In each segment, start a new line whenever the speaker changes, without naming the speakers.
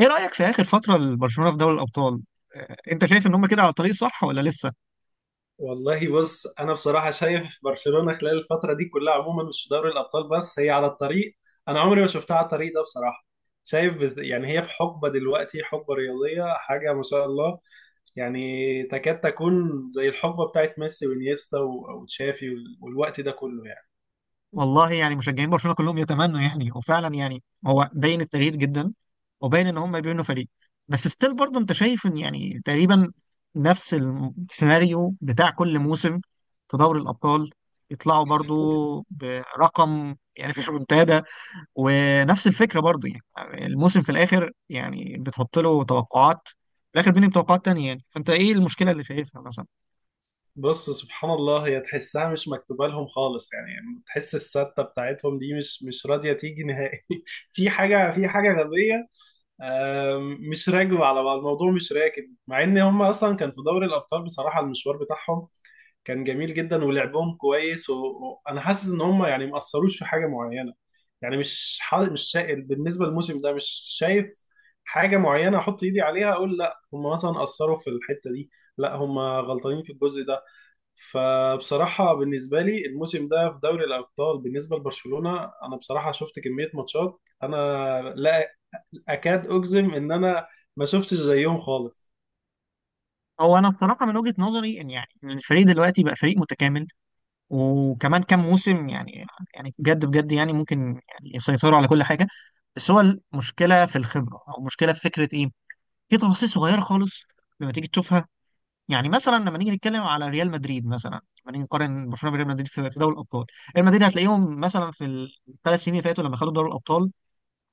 ايه رأيك في آخر فترة لبرشلونة في دوري الأبطال؟ انت شايف ان هم كده على الطريق صح ولا لسه؟
والله بص، انا بصراحه شايف برشلونه خلال الفتره دي كلها عموما مش في دوري الابطال، بس هي على الطريق. انا عمري ما شفتها على الطريق ده بصراحه. شايف يعني هي في حقبه دلوقتي، حقبه رياضيه، حاجه ما شاء الله. يعني تكاد تكون زي الحقبه بتاعت ميسي وانيستا وتشافي والوقت ده كله يعني.
والله يعني مشجعين برشلونة كلهم يتمنوا، يعني وفعلا يعني هو باين التغيير جدا، وباين ان هم بيبنوا فريق. بس ستيل برضه انت شايف ان يعني تقريبا نفس السيناريو بتاع كل موسم في دوري الأبطال، يطلعوا برضه برقم يعني في الريمونتادا، ونفس الفكرة برضه يعني الموسم في الآخر، يعني بتحط له توقعات في الآخر بينهم توقعات تانية. يعني فأنت إيه المشكلة اللي شايفها مثلا؟
بص، سبحان الله، هي تحسها مش مكتوبه لهم خالص. يعني تحس السته بتاعتهم دي مش راضيه تيجي نهائي. في حاجه في حاجه غبيه. مش راكبة على بعض، الموضوع مش راكب. مع ان هم اصلا كان في دوري الابطال بصراحة المشوار بتاعهم كان جميل جدا، ولعبهم كويس، وانا حاسس ان هم يعني مأثروش في حاجة معينة. يعني مش شا... بالنسبة للموسم ده مش شايف حاجة معينة احط ايدي عليها اقول لا هم مثلا أثروا في الحتة دي، لا هم غلطانين في الجزء ده. فبصراحة بالنسبة لي الموسم ده في دوري الأبطال بالنسبة لبرشلونة، أنا بصراحة شفت كمية ماتشات أنا لا اكاد اجزم ان انا ما شفتش زيهم خالص.
هو انا بصراحه من وجهه نظري ان يعني إن الفريق دلوقتي بقى فريق متكامل، وكمان كام موسم يعني بجد بجد يعني ممكن يعني يسيطروا على كل حاجه. بس هو المشكله في الخبره، او مشكله في فكره ايه، في تفاصيل صغيره خالص لما تيجي تشوفها. يعني مثلا لما نيجي نتكلم على ريال مدريد، مثلا لما نيجي نقارن برشلونه بريال مدريد في دوري الابطال، ريال مدريد هتلاقيهم مثلا في الثلاث سنين اللي فاتوا لما خدوا دوري الابطال،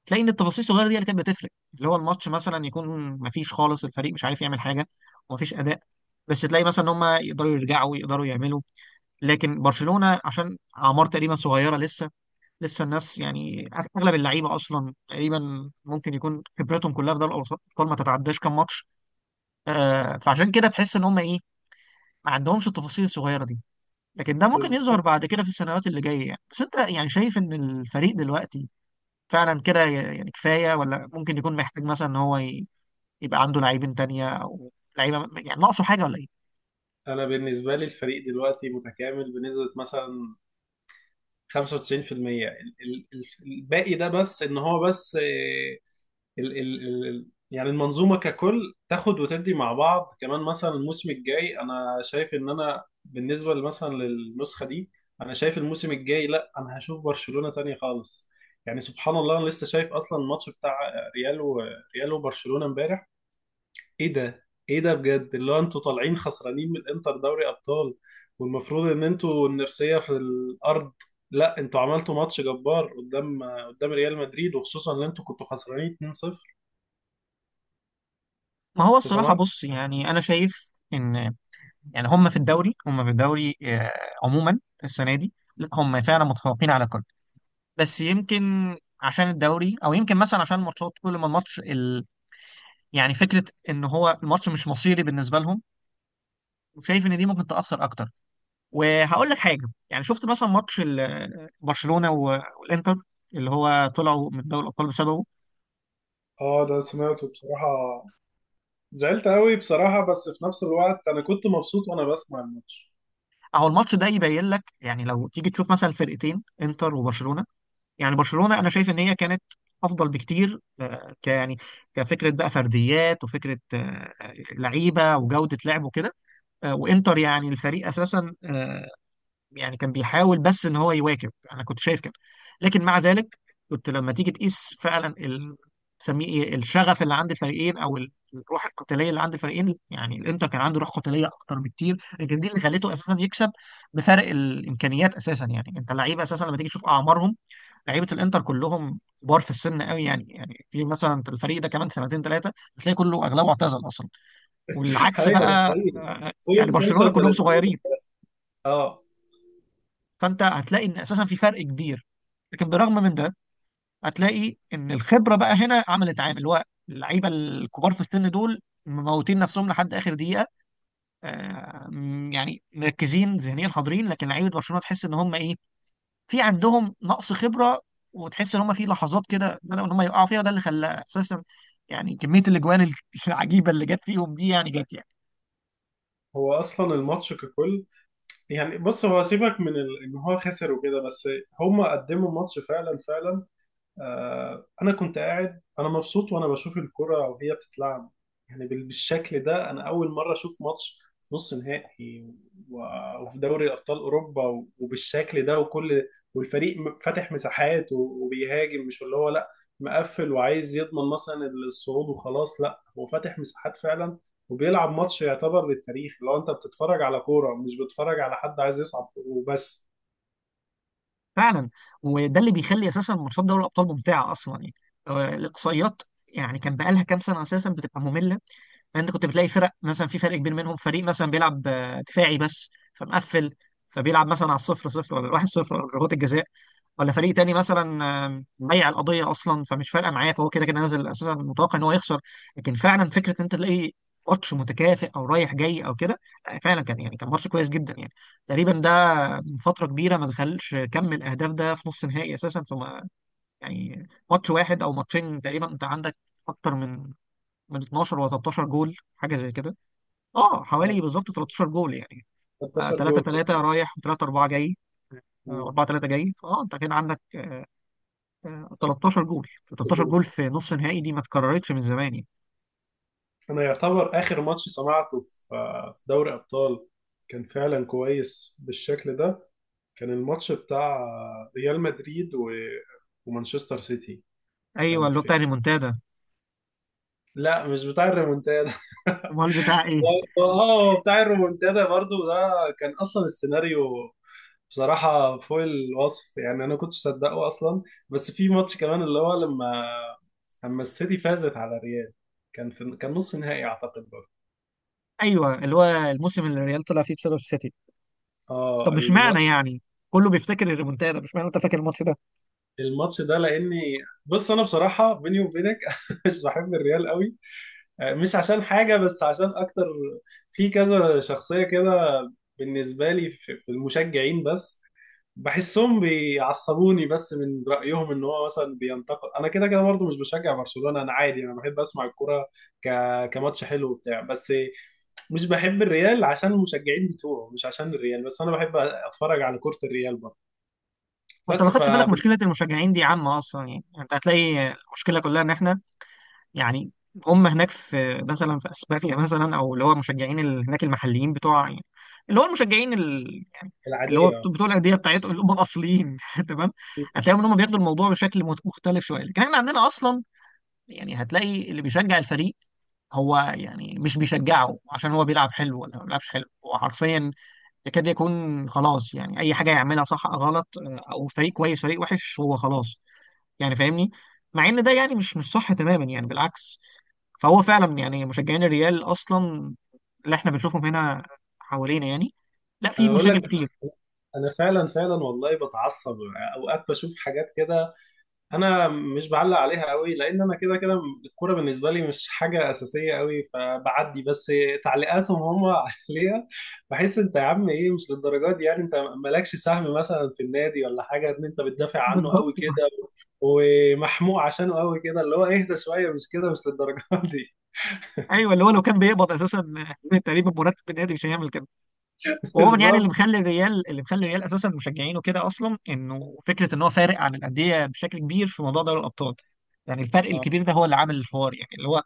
تلاقي ان التفاصيل الصغيره دي اللي كانت بتفرق، اللي هو الماتش مثلا يكون مفيش خالص، الفريق مش عارف يعمل حاجه ومفيش اداء، بس تلاقي مثلا ان هم يقدروا يرجعوا، يقدروا يعملوا. لكن برشلونه عشان اعمار تقريبا صغيره، لسه الناس يعني اغلب اللعيبه اصلا تقريبا ممكن يكون خبرتهم كلها في دوري الابطال ما تتعداش كام ماتش. فعشان كده تحس ان هم ايه، ما عندهمش التفاصيل الصغيره دي. لكن ده ممكن يظهر
بالظبط.
بعد كده في السنوات اللي جايه، يعني بس انت يعني شايف ان الفريق دلوقتي فعلا كده يعني كفاية، ولا ممكن يكون محتاج مثلا ان هو يبقى عنده لاعبين تانية، او لعيبة يعني ناقصه حاجة ولا ايه؟
انا بالنسبه لي الفريق دلوقتي متكامل بنسبه مثلا 95%. ال- ال- ال- الباقي ده بس ان هو بس، آه، يعني المنظومه ككل تاخد وتدي مع بعض. كمان مثلا الموسم الجاي، انا شايف ان انا بالنسبه مثلا للنسخه دي، انا شايف الموسم الجاي لا، انا هشوف برشلونه تاني خالص. يعني سبحان الله انا لسه شايف اصلا الماتش بتاع ريال و- ريال وبرشلونه امبارح. ايه ده، ايه ده بجد؟ اللي هو انتوا طالعين خسرانين من انتر دوري ابطال والمفروض ان انتوا النفسيه في الارض. لا، انتوا عملتوا ماتش جبار قدام ريال مدريد، وخصوصا ان انتوا كنتوا خسرانين 2-0.
ما هو
انت
الصراحة
سمعت؟
بص، يعني انا شايف ان يعني هم في الدوري عموما السنة دي، لا، هم فعلا متفوقين على كل. بس يمكن عشان الدوري، او يمكن مثلا عشان الماتشات، كل ما الماتش يعني فكرة ان هو الماتش مش مصيري بالنسبة لهم، شايف ان دي ممكن تأثر اكتر. وهقول لك حاجه، يعني شفت مثلا ماتش برشلونه والانتر اللي هو طلعوا من دوري الابطال بسببه.
اه ده سمعته بصراحة. زعلت قوي بصراحة، بس في نفس الوقت انا كنت مبسوط وانا بسمع الماتش.
اهو الماتش ده يبين لك يعني، لو تيجي تشوف مثلا الفرقتين انتر وبرشلونه، يعني برشلونه انا شايف ان هي كانت افضل بكتير، آه، ك يعني كفكره بقى، فرديات وفكره، لعيبه وجوده لعب وكده. وانتر يعني الفريق اساسا، يعني كان بيحاول بس ان هو يواكب، انا كنت شايف كده. لكن مع ذلك كنت لما تيجي تقيس فعلا سميه ايه، الشغف اللي عند الفريقين، او الروح القتاليه اللي عند الفريقين، يعني الانتر كان عنده روح قتاليه اكتر بكتير، لكن دي اللي خليته اساسا يكسب بفرق الامكانيات اساسا. يعني انت لعيبه اساسا لما تيجي تشوف اعمارهم، لعيبه الانتر كلهم كبار في السن قوي، يعني في مثلا الفريق ده كمان سنتين ثلاثه هتلاقي كله اغلبه اعتزل اصلا. والعكس
ايوه ده
بقى،
حقيقي. فوق
يعني
ال
برشلونه كلهم
35.
صغيرين،
اه.
فانت هتلاقي ان اساسا في فرق كبير. لكن بالرغم من ده هتلاقي ان الخبره بقى هنا عملت عامل، اللي هو اللعيبه الكبار في السن دول مموتين نفسهم لحد اخر دقيقه، يعني مركزين ذهنيا حاضرين. لكن لعيبه برشلونه تحس ان هم ايه، في عندهم نقص خبره، وتحس ان هم في لحظات كده بدأوا ان هم يقعوا فيها، وده اللي خلى اساسا يعني كميه الاجوان العجيبه اللي جت فيهم دي يعني جت يعني.
هو اصلا الماتش ككل، يعني بص، هو سيبك من ان هو خسر وكده، بس هم قدموا ماتش فعلا فعلا. آه، انا كنت قاعد انا مبسوط وانا بشوف الكرة وهي بتتلعب. يعني بالشكل ده انا اول مرة اشوف ماتش نص نهائي وفي دوري ابطال اوروبا وبالشكل ده وكل. والفريق فاتح مساحات وبيهاجم، مش اللي هو لا مقفل وعايز يضمن مثلا الصعود وخلاص. لا، هو فاتح مساحات فعلا وبيلعب ماتش يعتبر للتاريخ، لو انت بتتفرج على كورة مش بتتفرج على حد عايز يصعد وبس.
فعلا، وده اللي بيخلي اساسا ماتشات دوري الابطال ممتعه اصلا. يعني الاقصائيات يعني كان بقالها كام سنه اساسا بتبقى ممله، فانت كنت بتلاقي فرق مثلا، في فرق كبير منهم، فريق مثلا بيلعب دفاعي بس، فمقفل، فبيلعب مثلا على الصفر صفر ولا الواحد صفر ولا ضربات الجزاء. ولا فريق تاني مثلا مضيع القضيه اصلا، فمش فارقه معاه، فهو كده كده نازل اساسا متوقع ان هو يخسر. لكن فعلا فكره ان انت تلاقي ماتش متكافئ او رايح جاي او كده، لا، فعلا كان ماتش كويس جدا يعني. تقريبا ده من فتره كبيره ما دخلش كم الاهداف ده في نص نهائي اساسا، في يعني ماتش واحد او ماتشين تقريبا انت عندك اكتر من 12 ولا 13 جول، حاجه زي كده. اه،
على
حوالي بالظبط 13 جول يعني،
13
3
جول.
3 رايح و3 4 جاي
في.
4 3 جاي، فاه انت كان عندك 13 جول، 13 جول في نص نهائي دي ما اتكررتش من زمان يعني.
انا يعتبر اخر ماتش سمعته في، آه، في دوري ابطال كان فعلا كويس بالشكل ده. كان الماتش بتاع، آه، ريال مدريد ومانشستر سيتي.
ايوه،
كان
اللي هو بتاع
في.
ريمونتادا.
لا مش بتاع الريمونتادا.
امال بتاع ايه؟
اه بتاع الريمونتادا برضو ده. كان اصلا السيناريو بصراحة فوق الوصف يعني، أنا كنتش صدقه أصلا. بس في ماتش كمان اللي هو لما السيتي فازت على الريال. كان في، كان نص نهائي أعتقد برضه.
ايوه، اللي هو الموسم اللي الريال طلع فيه بسبب السيتي. طب
اه
مش معنى يعني، كله بيفتكر الريمونتادا، مش معنى انت فاكر الماتش ده.
الماتش ده لاني، بص انا بصراحه بيني وبينك مش بحب الريال قوي. آه، مش عشان حاجه، بس عشان اكتر في كذا شخصيه كده بالنسبه لي في في المشجعين بس، بحسهم بيعصبوني، بس من رايهم ان هو مثلا بينتقد. انا كده كده برضه مش بشجع برشلونه، انا عادي انا بحب اسمع الكوره ك... كماتش حلو وبتاع بس. مش بحب الريال عشان المشجعين بتوعه، مش عشان الريال، بس انا بحب اتفرج على كرة الريال برضه
وانت لو
بس.
خدت بالك مشكله المشجعين دي عامه اصلا يعني، يعني انت هتلاقي المشكله كلها ان احنا يعني، هم هناك في مثلا في اسبانيا مثلا، او اللي هو مشجعين هناك المحليين بتوع يعني، اللي هو المشجعين يعني اللي هو
فالعادية.
بتوع الانديه بتاعتهم اللي هم الاصليين تمام، هتلاقيهم ان هم بياخدوا الموضوع بشكل مختلف شويه. لكن احنا عندنا اصلا يعني هتلاقي اللي بيشجع الفريق، هو يعني مش بيشجعه عشان هو بيلعب حلو ولا ما بيلعبش حلو، هو حرفيا يكاد يكون خلاص، يعني اي حاجه يعملها صح أو غلط، او فريق كويس فريق وحش هو خلاص، يعني فاهمني. مع ان ده يعني مش صح تماما يعني، بالعكس. فهو فعلا يعني مشجعين الريال اصلا اللي احنا بنشوفهم هنا حوالينا يعني، لا، في
انا بقول
مشاكل
لك،
كتير.
انا فعلا فعلا والله بتعصب اوقات بشوف حاجات كده. انا مش بعلق عليها قوي، لان انا كده كده الكوره بالنسبه لي مش حاجه اساسيه قوي، فبعدي بس تعليقاتهم هم عليها. بحس انت يا عم ايه؟ مش للدرجات دي يعني، انت مالكش سهم مثلا في النادي ولا حاجه ان انت بتدافع عنه
بالضبط.
قوي كده ومحموق عشانه قوي كده. اللي هو اهدى شويه، مش كده، مش للدرجات دي.
ايوه اللي هو لو كان بيقبض اساسا تقريبا مرتب النادي، مش هيعمل كده. وعموما يعني اللي
بالظبط.
مخلي الريال اللي مخلي الريال اساسا مشجعينه كده اصلا، انه فكره ان هو فارق عن الانديه بشكل كبير في موضوع دوري الابطال. يعني الفرق
اه،
الكبير ده هو اللي عامل الحوار، يعني اللي هو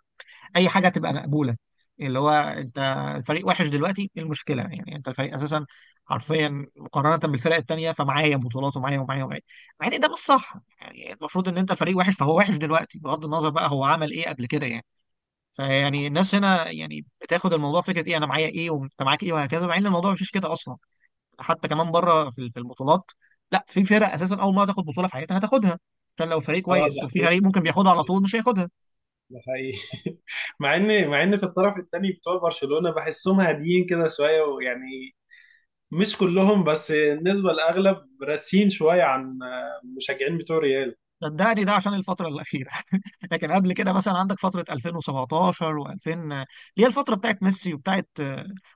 اي حاجه تبقى مقبوله، اللي هو انت الفريق وحش دلوقتي ايه المشكله، يعني انت الفريق اساسا حرفيا مقارنه بالفرق التانيه، فمعايا بطولات ومعايا ومعايا ومعايا، مع ان ده مش صح. يعني المفروض ان انت الفريق وحش فهو وحش دلوقتي، بغض النظر بقى هو عمل ايه قبل كده يعني. فيعني الناس هنا يعني بتاخد الموضوع فكره ايه، انا معايا ايه وانت معاك ايه وهكذا، مع ان الموضوع مش كده اصلا. حتى كمان بره في البطولات، لا، في فرق اساسا اول ما تاخد بطوله في حياتها هتاخدها، عشان لو فريق
آه،
كويس.
ده
وفي فريق ممكن بياخدها على طول مش هياخدها.
ده حقيقي. مع ان في الطرف الثاني بتوع برشلونة بحسهم هاديين كده شوية ويعني مش كلهم، بس النسبة الأغلب راسين شوية عن المشجعين بتوع ريال.
صدقني، ده عشان الفترة الأخيرة لكن قبل كده مثلا عندك فترة 2017 و2000 اللي هي الفترة بتاعت ميسي وبتاعت.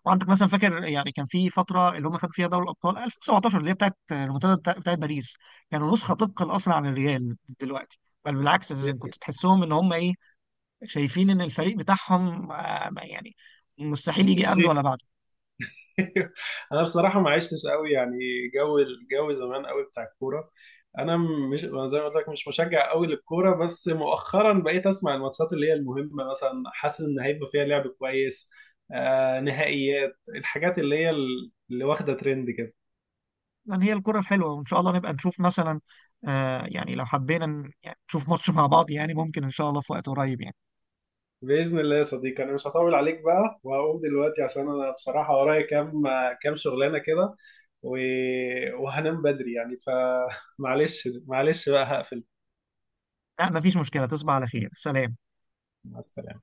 وعندك مثلا فاكر يعني، كان في فترة اللي هم خدوا فيها دوري الأبطال 2017 اللي هي بتاعت المنتدى بتاعت باريس، كانوا نسخة طبقا أصلا عن الريال دلوقتي. بل بالعكس أساسا كنت تحسهم إن هم إيه، شايفين إن الفريق بتاعهم يعني مستحيل يجي
مفيش
قبله
غير.
ولا بعده.
أنا بصراحة ما عشتش قوي يعني الجو زمان قوي بتاع الكورة. أنا أنا زي ما قلت لك مش مشجع قوي للكورة، بس مؤخرا بقيت أسمع الماتشات اللي هي المهمة، مثلا حاسس إن هيبقى فيها لعب كويس. آه نهائيات الحاجات اللي هي اللي واخدة ترند كده.
يعني هي الكرة الحلوة، وإن شاء الله نبقى نشوف مثلا، يعني لو حبينا يعني نشوف ماتش مع بعض، يعني ممكن إن شاء الله في وقت قريب يعني.
بإذن الله يا صديقي، أنا مش هطول عليك بقى وهقوم دلوقتي، عشان أنا بصراحة ورايا كام شغلانة كده و... وهنام بدري يعني، فمعلش. معلش معلش بقى، هقفل.
لا، مفيش مشكلة، تصبح على خير، سلام.
مع السلامة.